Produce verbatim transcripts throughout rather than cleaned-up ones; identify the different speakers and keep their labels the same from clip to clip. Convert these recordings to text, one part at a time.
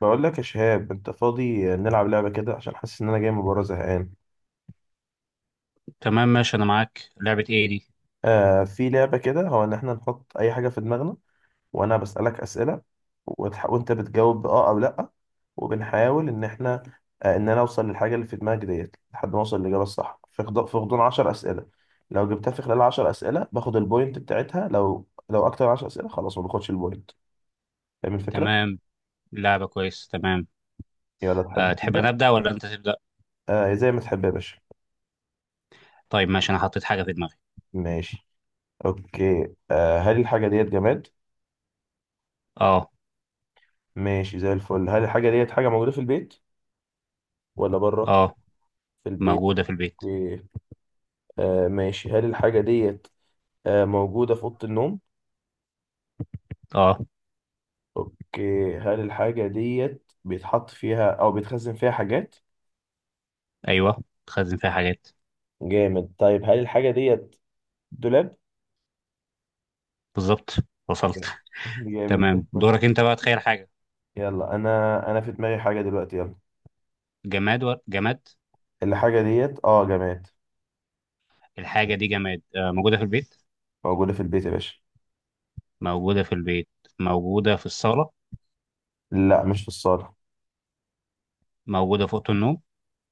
Speaker 1: بقول لك يا شهاب، انت فاضي نلعب لعبه كده عشان حاسس ان انا جاي من بره زهقان.
Speaker 2: تمام، ماشي. انا معاك. لعبة ايه دي؟
Speaker 1: آه، في لعبه كده، هو ان احنا نحط اي حاجه في دماغنا وانا بسالك اسئله، وتح... وانت بتجاوب باه او لا، وبنحاول ان احنا آه ان انا اوصل للحاجه اللي في دماغك ديت لحد ما اوصل للاجابه الصح في خض... في غضون عشر اسئله. لو جبتها في خلال عشر اسئله باخد البوينت بتاعتها، لو لو اكتر من عشر اسئله خلاص ما باخدش البوينت. فاهم الفكره؟
Speaker 2: تمام. لعبة كويس، تمام.
Speaker 1: يلا
Speaker 2: أه،
Speaker 1: تحب
Speaker 2: تحب
Speaker 1: تبدا؟
Speaker 2: انا ابدأ ولا انت تبدأ؟
Speaker 1: آه، زي ما تحب يا باشا.
Speaker 2: طيب ماشي، انا حطيت حاجة في دماغي.
Speaker 1: ماشي. اوكي، آه هل الحاجه ديت جماد؟
Speaker 2: اه.
Speaker 1: ماشي، زي الفل. هل الحاجة ديت حاجة موجودة في البيت ولا بره؟
Speaker 2: اه،
Speaker 1: في البيت.
Speaker 2: موجودة في البيت.
Speaker 1: اوكي. آه ماشي، هل الحاجة ديت آه موجودة في أوضة النوم؟
Speaker 2: اه.
Speaker 1: اوكي، هل الحاجة ديت بيتحط فيها أو بيتخزن فيها حاجات؟
Speaker 2: ايوه، تخزن فيها حاجات.
Speaker 1: جامد. طيب، هل الحاجة ديت دولاب؟
Speaker 2: بالظبط، وصلت.
Speaker 1: لا. جامد، ده
Speaker 2: تمام، دورك
Speaker 1: الفل.
Speaker 2: انت بقى تخيل حاجة.
Speaker 1: يلا، أنا أنا في دماغي حاجة دلوقتي، يلا.
Speaker 2: جماد و... جماد.
Speaker 1: الحاجة ديت، اه، جماد.
Speaker 2: الحاجة دي جماد، أه موجودة في البيت.
Speaker 1: موجودة في البيت يا باشا.
Speaker 2: موجودة في البيت. موجودة في الصالة.
Speaker 1: لا، مش في الصالة.
Speaker 2: موجودة في أوضة النوم.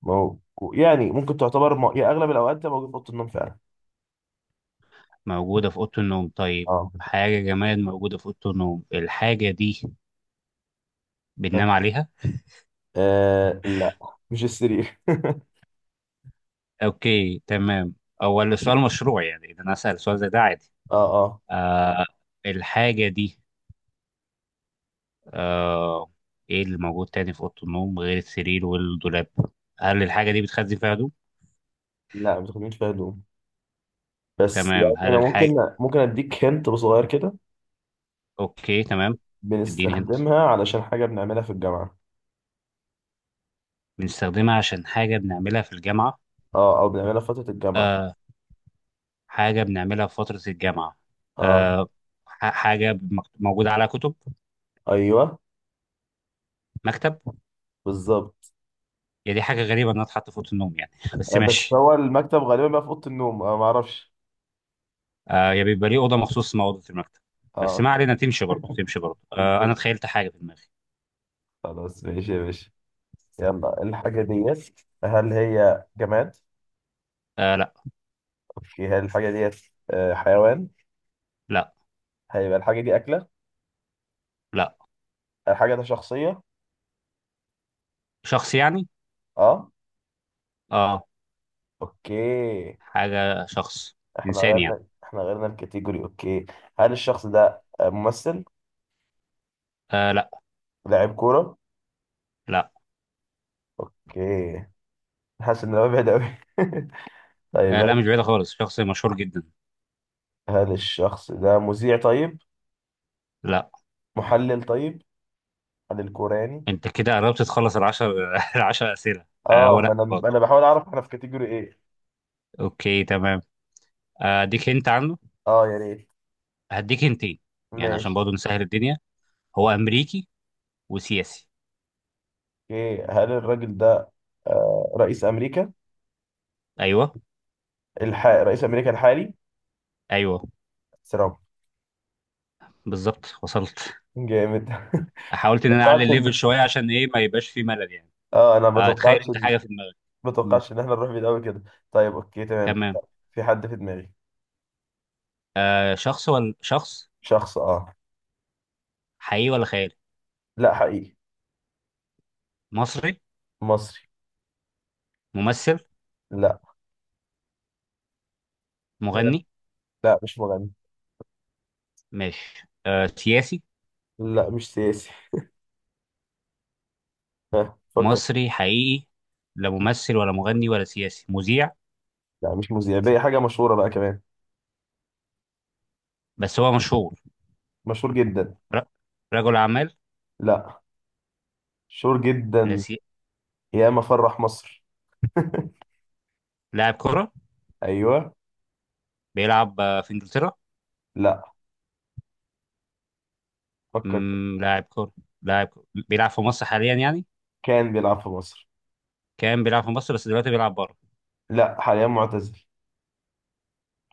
Speaker 1: مو... يعني ممكن تعتبر م... يا أغلب الأوقات ده موجود في أوضة النوم فعلا.
Speaker 2: موجودة في أوضة النوم، طيب.
Speaker 1: اه.
Speaker 2: حاجة جماد موجودة في أوضة النوم. الحاجة دي بننام عليها؟
Speaker 1: آه، لا، مش السرير.
Speaker 2: اوكي تمام. هو السؤال مشروع يعني؟ اذا انا اسال سؤال زي ده عادي؟
Speaker 1: اه، اه.
Speaker 2: آه. الحاجه دي آه ايه اللي موجود تاني في اوضه النوم غير السرير والدولاب؟ هل الحاجه دي بتخزن فيها هدوم؟
Speaker 1: لا، ما بتاخدش فيها هدوم. بس
Speaker 2: تمام.
Speaker 1: يعني
Speaker 2: هل
Speaker 1: انا ممكن
Speaker 2: الحاجه
Speaker 1: ممكن اديك هنت صغير كده.
Speaker 2: اوكي تمام. اديني هنت.
Speaker 1: بنستخدمها علشان حاجه بنعملها في الجامعه.
Speaker 2: بنستخدمها عشان حاجه بنعملها في الجامعه.
Speaker 1: اه، او بنعملها في فتره الجامعه.
Speaker 2: آه، حاجه بنعملها في فتره الجامعه.
Speaker 1: اه.
Speaker 2: آه. ح- حاجه مكت- موجوده على كتب.
Speaker 1: ايوه.
Speaker 2: مكتب.
Speaker 1: بالظبط.
Speaker 2: هي دي حاجه غريبه انها تتحط في اوضه النوم يعني بس
Speaker 1: آه، بس
Speaker 2: ماشي.
Speaker 1: هو المكتب غالبا بقى في اوضه النوم، آه، ما اعرفش.
Speaker 2: آه، يا بيبقى ليه اوضه مخصوص اسمها اوضه المكتب؟ بس
Speaker 1: اه.
Speaker 2: ما علينا، تمشي برضه تمشي برضه. آه، انا
Speaker 1: بالظبط.
Speaker 2: تخيلت حاجه في دماغي.
Speaker 1: خلاص، ماشي يا باشا. يلا، الحاجه ديت، هل هي جماد؟
Speaker 2: آه، لا.
Speaker 1: اوكي، هل الحاجه ديت آه، حيوان؟
Speaker 2: لا.
Speaker 1: هيبقى الحاجه دي اكله؟
Speaker 2: لا.
Speaker 1: الحاجه دي شخصيه؟
Speaker 2: شخص يعني.
Speaker 1: اه.
Speaker 2: اه.
Speaker 1: اوكي.
Speaker 2: حاجه شخص.
Speaker 1: احنا
Speaker 2: انسان يعني.
Speaker 1: غيرنا احنا غيرنا الكاتيجوري، اوكي. هل الشخص ده ممثل؟
Speaker 2: آه، لا.
Speaker 1: لاعب كورة؟
Speaker 2: لا.
Speaker 1: اوكي. حاسس ان هو بعيد قوي. طيب،
Speaker 2: آه
Speaker 1: هل
Speaker 2: لا، مش بعيده خالص، شخص مشهور جدا.
Speaker 1: هل الشخص ده مذيع؟ طيب،
Speaker 2: لا.
Speaker 1: محلل؟ طيب، محلل كورة يعني؟
Speaker 2: انت كده قربت تخلص العشر العشر اسئله. آه
Speaker 1: اه،
Speaker 2: هو
Speaker 1: ما
Speaker 2: لا
Speaker 1: انا،
Speaker 2: برضه.
Speaker 1: انا بحاول اعرف احنا في كاتيجوري ايه.
Speaker 2: اوكي تمام. آه، اديك انت عنه.
Speaker 1: اه، يا ريت.
Speaker 2: هديك انتين. يعني عشان
Speaker 1: ماشي.
Speaker 2: برضه نسهل الدنيا. هو امريكي. وسياسي.
Speaker 1: اوكي، هل الراجل ده آه رئيس امريكا؟
Speaker 2: ايوه.
Speaker 1: الح... رئيس امريكا الحالي؟
Speaker 2: ايوه.
Speaker 1: ترامب.
Speaker 2: بالظبط، وصلت.
Speaker 1: جامد.
Speaker 2: حاولت ان
Speaker 1: ما
Speaker 2: انا اعلي
Speaker 1: توقعتش
Speaker 2: الليفل
Speaker 1: ان
Speaker 2: شويه، عشان ايه ما يبقاش في ملل يعني.
Speaker 1: اه انا ما
Speaker 2: آه، تخيل
Speaker 1: توقعتش.
Speaker 2: انت حاجه في دماغك.
Speaker 1: ما
Speaker 2: مم.
Speaker 1: توقعش ان احنا نروح بعيد قوي كده. طيب، اوكي، تمام.
Speaker 2: تمام.
Speaker 1: في حد في دماغي.
Speaker 2: آه، شخص ولا شخص؟
Speaker 1: شخص، اه.
Speaker 2: حقيقي ولا خيالي؟
Speaker 1: لا، حقيقي.
Speaker 2: مصري؟
Speaker 1: مصري.
Speaker 2: ممثل؟
Speaker 1: لا
Speaker 2: مغني؟
Speaker 1: لا، مش مغني.
Speaker 2: ماشي. آه، سياسي؟
Speaker 1: لا، مش سياسي. فكر.
Speaker 2: مصري حقيقي. لا ممثل ولا مغني ولا سياسي. مذيع؟
Speaker 1: لا، مش مذيع بقى. حاجة مشهورة بقى كمان،
Speaker 2: بس هو مشهور؟
Speaker 1: مشهور جدا.
Speaker 2: ر- رجل اعمال؟
Speaker 1: لا. مشهور
Speaker 2: لا
Speaker 1: جدا.
Speaker 2: سي...
Speaker 1: يا ما فرح مصر.
Speaker 2: لاعب كره؟
Speaker 1: ايوه.
Speaker 2: بيلعب آه، في انجلترا؟
Speaker 1: لا. فكر.
Speaker 2: مم، لاعب كره. لاعب كرة بيلعب في مصر حاليا يعني؟
Speaker 1: كان بيلعب في مصر.
Speaker 2: كان بيلعب في مصر بس دلوقتي بيلعب بره؟
Speaker 1: لا، حاليا معتزل.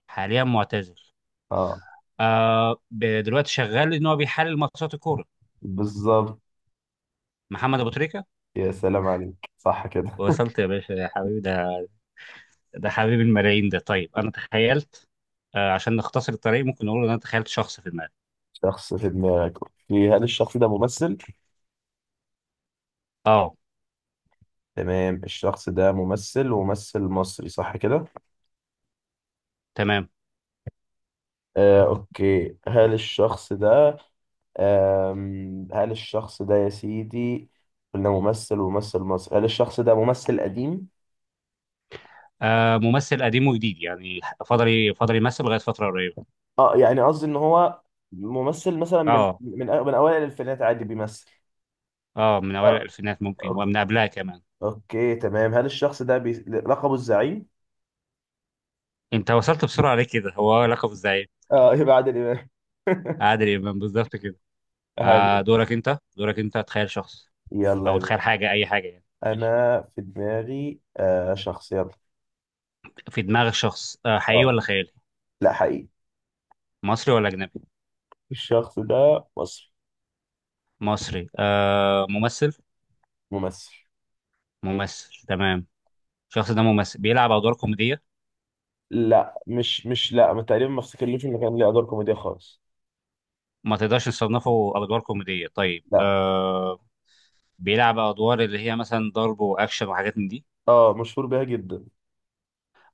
Speaker 2: حاليا معتزل.
Speaker 1: اه.
Speaker 2: آه ب- دلوقتي شغال ان هو بيحلل ماتشات الكوره.
Speaker 1: بالظبط.
Speaker 2: محمد ابو تريكه.
Speaker 1: يا سلام عليك، صح كده.
Speaker 2: وصلت يا باشا، يا حبيبي ده. ده حبيب الملايين ده. طيب انا تخيلت. آه، عشان نختصر الطريق ممكن نقول ان انا تخيلت شخص في دماغي.
Speaker 1: شخص في دماغك، اوكي. هل الشخص ده ممثل؟
Speaker 2: اه.
Speaker 1: تمام، الشخص ده ممثل وممثل مصري، صح كده؟
Speaker 2: تمام.
Speaker 1: آه، أوكي. هل الشخص ده آم، هل الشخص ده يا سيدي، قلنا ممثل وممثل مصري، هل الشخص ده ممثل قديم؟
Speaker 2: آه، ممثل قديم وجديد يعني. فضل فضل يمثل لغايه فتره قريبه.
Speaker 1: اه، يعني قصدي إن هو ممثل مثلا من
Speaker 2: اه.
Speaker 1: من أ- من أوائل الألفينات عادي بيمثل.
Speaker 2: اه، من اوائل
Speaker 1: آه،
Speaker 2: الالفينات ممكن
Speaker 1: أوك-
Speaker 2: ومن قبلها كمان.
Speaker 1: أوكي تمام. هل الشخص ده بي... لقبه الزعيم؟
Speaker 2: انت وصلت بسرعه ليه كده؟ هو لقب الزعيم.
Speaker 1: اه. يبقى عادل إمام.
Speaker 2: عادل امام، بالظبط كده. آه،
Speaker 1: حلو.
Speaker 2: دورك انت، دورك انت تخيل شخص.
Speaker 1: يلا
Speaker 2: او
Speaker 1: يا باشا.
Speaker 2: تخيل حاجه، اي حاجه يعني، ماشي.
Speaker 1: أنا في دماغي آه شخص، يلا.
Speaker 2: في دماغ الشخص آه، حقيقي
Speaker 1: آه،
Speaker 2: ولا خيالي؟
Speaker 1: لا، حقيقي.
Speaker 2: مصري ولا أجنبي؟
Speaker 1: الشخص ده مصري.
Speaker 2: مصري. آه، ممثل؟
Speaker 1: ممثل.
Speaker 2: ممثل، تمام. الشخص ده ممثل بيلعب أدوار كوميدية؟
Speaker 1: لا، مش مش، لا، ما تقريبا ما افتكرلوش انه كان ليه ادوار كوميديا خالص.
Speaker 2: ما تقدرش تصنفه أدوار كوميدية؟ طيب.
Speaker 1: لا.
Speaker 2: آه، بيلعب أدوار اللي هي مثلا ضرب وأكشن وحاجات من دي؟
Speaker 1: اه، مشهور بيها جدا.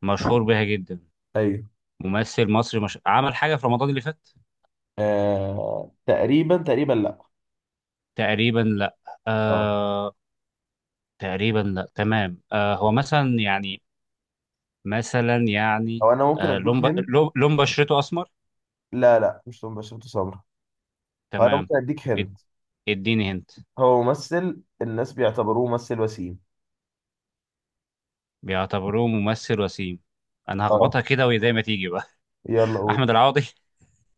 Speaker 2: مشهور بيها جدا؟
Speaker 1: ايوه.
Speaker 2: ممثل مصري، مش... عمل حاجة في رمضان اللي فات؟
Speaker 1: آه، تقريبا تقريبا لا.
Speaker 2: تقريبا لا.
Speaker 1: اه.
Speaker 2: آه تقريبا لا، تمام. آه هو مثلا يعني، مثلا يعني.
Speaker 1: او انا ممكن
Speaker 2: آه،
Speaker 1: اديك
Speaker 2: لون ب...
Speaker 1: هنت.
Speaker 2: لون لون بشرته أسمر.
Speaker 1: لا، لا، مش توم باشا بتو سمرة. هو انا
Speaker 2: تمام.
Speaker 1: ممكن اديك
Speaker 2: اد-
Speaker 1: هنت.
Speaker 2: اديني هنت.
Speaker 1: هو ممثل الناس بيعتبروه ممثل وسيم.
Speaker 2: بيعتبروه ممثل وسيم؟ انا
Speaker 1: اه،
Speaker 2: هخبطها كده وهي زي ما تيجي بقى.
Speaker 1: يلا قول.
Speaker 2: احمد العوضي؟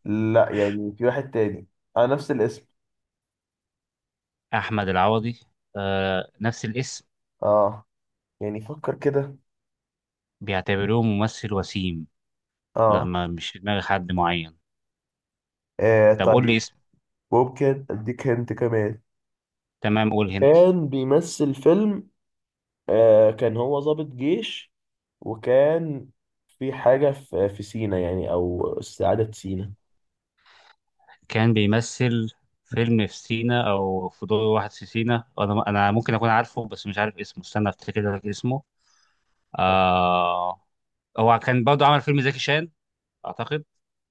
Speaker 1: لا، يعني في واحد تاني، اه، نفس الاسم.
Speaker 2: احمد العوضي. آه، نفس الاسم.
Speaker 1: اه، يعني فكر كده.
Speaker 2: بيعتبروه ممثل وسيم. لا،
Speaker 1: اه.
Speaker 2: ما مش في دماغي حد معين.
Speaker 1: آه،
Speaker 2: طب قول لي
Speaker 1: طيب،
Speaker 2: اسم.
Speaker 1: ممكن اديك هنت كمان.
Speaker 2: تمام، قول هنت.
Speaker 1: كان بيمثل فيلم، آه، كان هو ضابط جيش، وكان في حاجة في في سينا يعني، أو استعادة سينا.
Speaker 2: كان بيمثل فيلم في سينا او في دور واحد في سينا، انا انا ممكن اكون عارفه بس مش عارف اسمه. استنى افتكر لك اسمه. آه. هو كان برضه عمل فيلم زكي شان، اعتقد.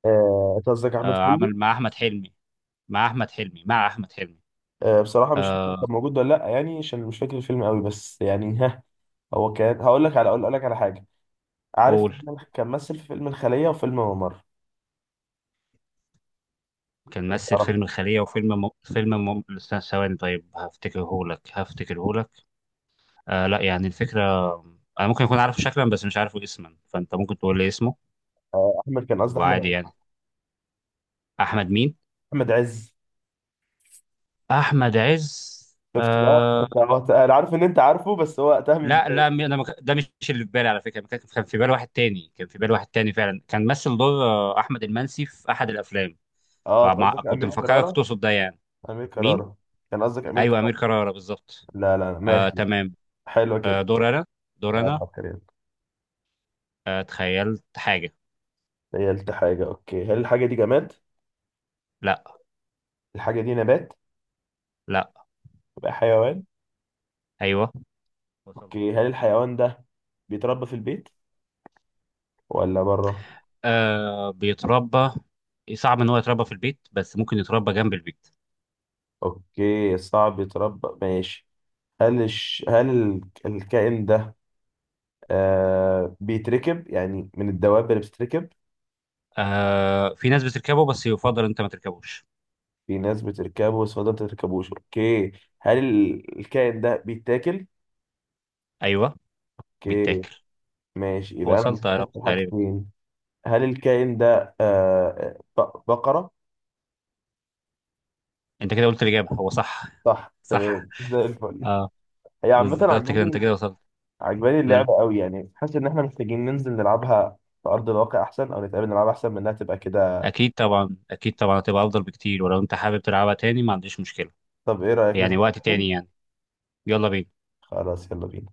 Speaker 1: آه، أنت قصدك أحمد
Speaker 2: آه،
Speaker 1: حلمي؟
Speaker 2: عمل مع احمد حلمي. مع احمد حلمي مع احمد حلمي
Speaker 1: آه، بصراحة مش فاكر كان
Speaker 2: آه،
Speaker 1: موجود ولا لأ، يعني عشان مش فاكر الفيلم قوي، بس يعني ها. هو كان هقول لك على أقول لك على حاجة. عارف
Speaker 2: قول.
Speaker 1: فيلم- كان مثل في فيلم الخلية وفيلم ممر؟
Speaker 2: كان
Speaker 1: لو
Speaker 2: مثل
Speaker 1: تعرف.
Speaker 2: فيلم الخلية وفيلم م... فيلم م... استنى ثواني. طيب هفتكرهولك هفتكرهولك آه لا، يعني الفكرة، أنا ممكن أكون عارفه شكلا بس مش عارفه اسما فأنت ممكن تقول لي اسمه.
Speaker 1: آه، أحمد، كان قصدي أحمد
Speaker 2: وعادي
Speaker 1: عز.
Speaker 2: يعني. أحمد مين؟
Speaker 1: أحمد عز.
Speaker 2: أحمد عز.
Speaker 1: شفت بقى
Speaker 2: آه
Speaker 1: أنت، هو- أنا عارف إن أنت عارفه، بس هو وقتها من...
Speaker 2: لا لا، م- أنا مك... ده مش اللي في بالي على فكرة، كان كان في بالي واحد تاني، كان في بالي واحد تاني فعلا، كان مثل دور آه، أحمد المنسي في أحد الأفلام.
Speaker 1: أه، أنت
Speaker 2: فمع...
Speaker 1: قصدك
Speaker 2: كنت
Speaker 1: أمير
Speaker 2: مفكرك
Speaker 1: كرارة؟
Speaker 2: تقصد ده يعني.
Speaker 1: أمير
Speaker 2: مين؟
Speaker 1: كرارة. كان قصدك أمير.
Speaker 2: أيوه أمير كرارة، بالظبط.
Speaker 1: لا، لا،
Speaker 2: آه
Speaker 1: ماشي.
Speaker 2: تمام.
Speaker 1: حلوة
Speaker 2: آه،
Speaker 1: كده.
Speaker 2: دور أنا. دور
Speaker 1: اه،
Speaker 2: أنا.
Speaker 1: فكر، يلا.
Speaker 2: آه، تخيلت حاجة.
Speaker 1: تخيلت حاجة. اوكي، هل الحاجة دي جماد؟
Speaker 2: لا.
Speaker 1: الحاجة دي نبات؟
Speaker 2: لا.
Speaker 1: يبقى حيوان؟
Speaker 2: أيوه. وصلت.
Speaker 1: اوكي، هل الحيوان ده بيتربى في البيت ولا بره؟
Speaker 2: آه، بيتربى. صعب إن هو يتربى في البيت بس ممكن يتربى جنب البيت.
Speaker 1: اوكي، صعب يتربى، ماشي. هل الش... هل ال- الكائن ده آه بيتركب يعني، من الدواب اللي بتتركب؟
Speaker 2: آه، في ناس بتركبه بس يفضل أنت ما تركبوش.
Speaker 1: في ناس بتركبه بس ما بتركبوش، اوكي. هل ال- الكائن ده بيتاكل؟
Speaker 2: أيوه.
Speaker 1: اوكي.
Speaker 2: بيتاكل.
Speaker 1: ماشي، يبقى انا
Speaker 2: وصلت أنا
Speaker 1: بفكر في
Speaker 2: تقريبا.
Speaker 1: حاجتين. هل الكائن ده آه، ط- بقرة؟
Speaker 2: أنت كده قلت الإجابة، هو صح.
Speaker 1: صح،
Speaker 2: صح.
Speaker 1: تمام، زي الفل.
Speaker 2: اه.
Speaker 1: هي عامة
Speaker 2: بالظبط كده، أنت
Speaker 1: عجباني.
Speaker 2: كده وصلت.
Speaker 1: عجباني
Speaker 2: مم.
Speaker 1: اللعبة قوي، يعني حاسس إن إحنا محتاجين ننزل نلعبها في أرض الواقع أحسن، أو نتقابل نلعبها أحسن من إنها تبقى كده.
Speaker 2: أكيد طبعا، أكيد طبعا هتبقى أفضل بكتير، ولو أنت حابب تلعبها تاني ما عنديش مشكلة.
Speaker 1: طب إيه رأيك ننزل
Speaker 2: يعني وقت
Speaker 1: نتقابل؟
Speaker 2: تاني يعني. يلا بينا.
Speaker 1: خلاص، يلا بينا.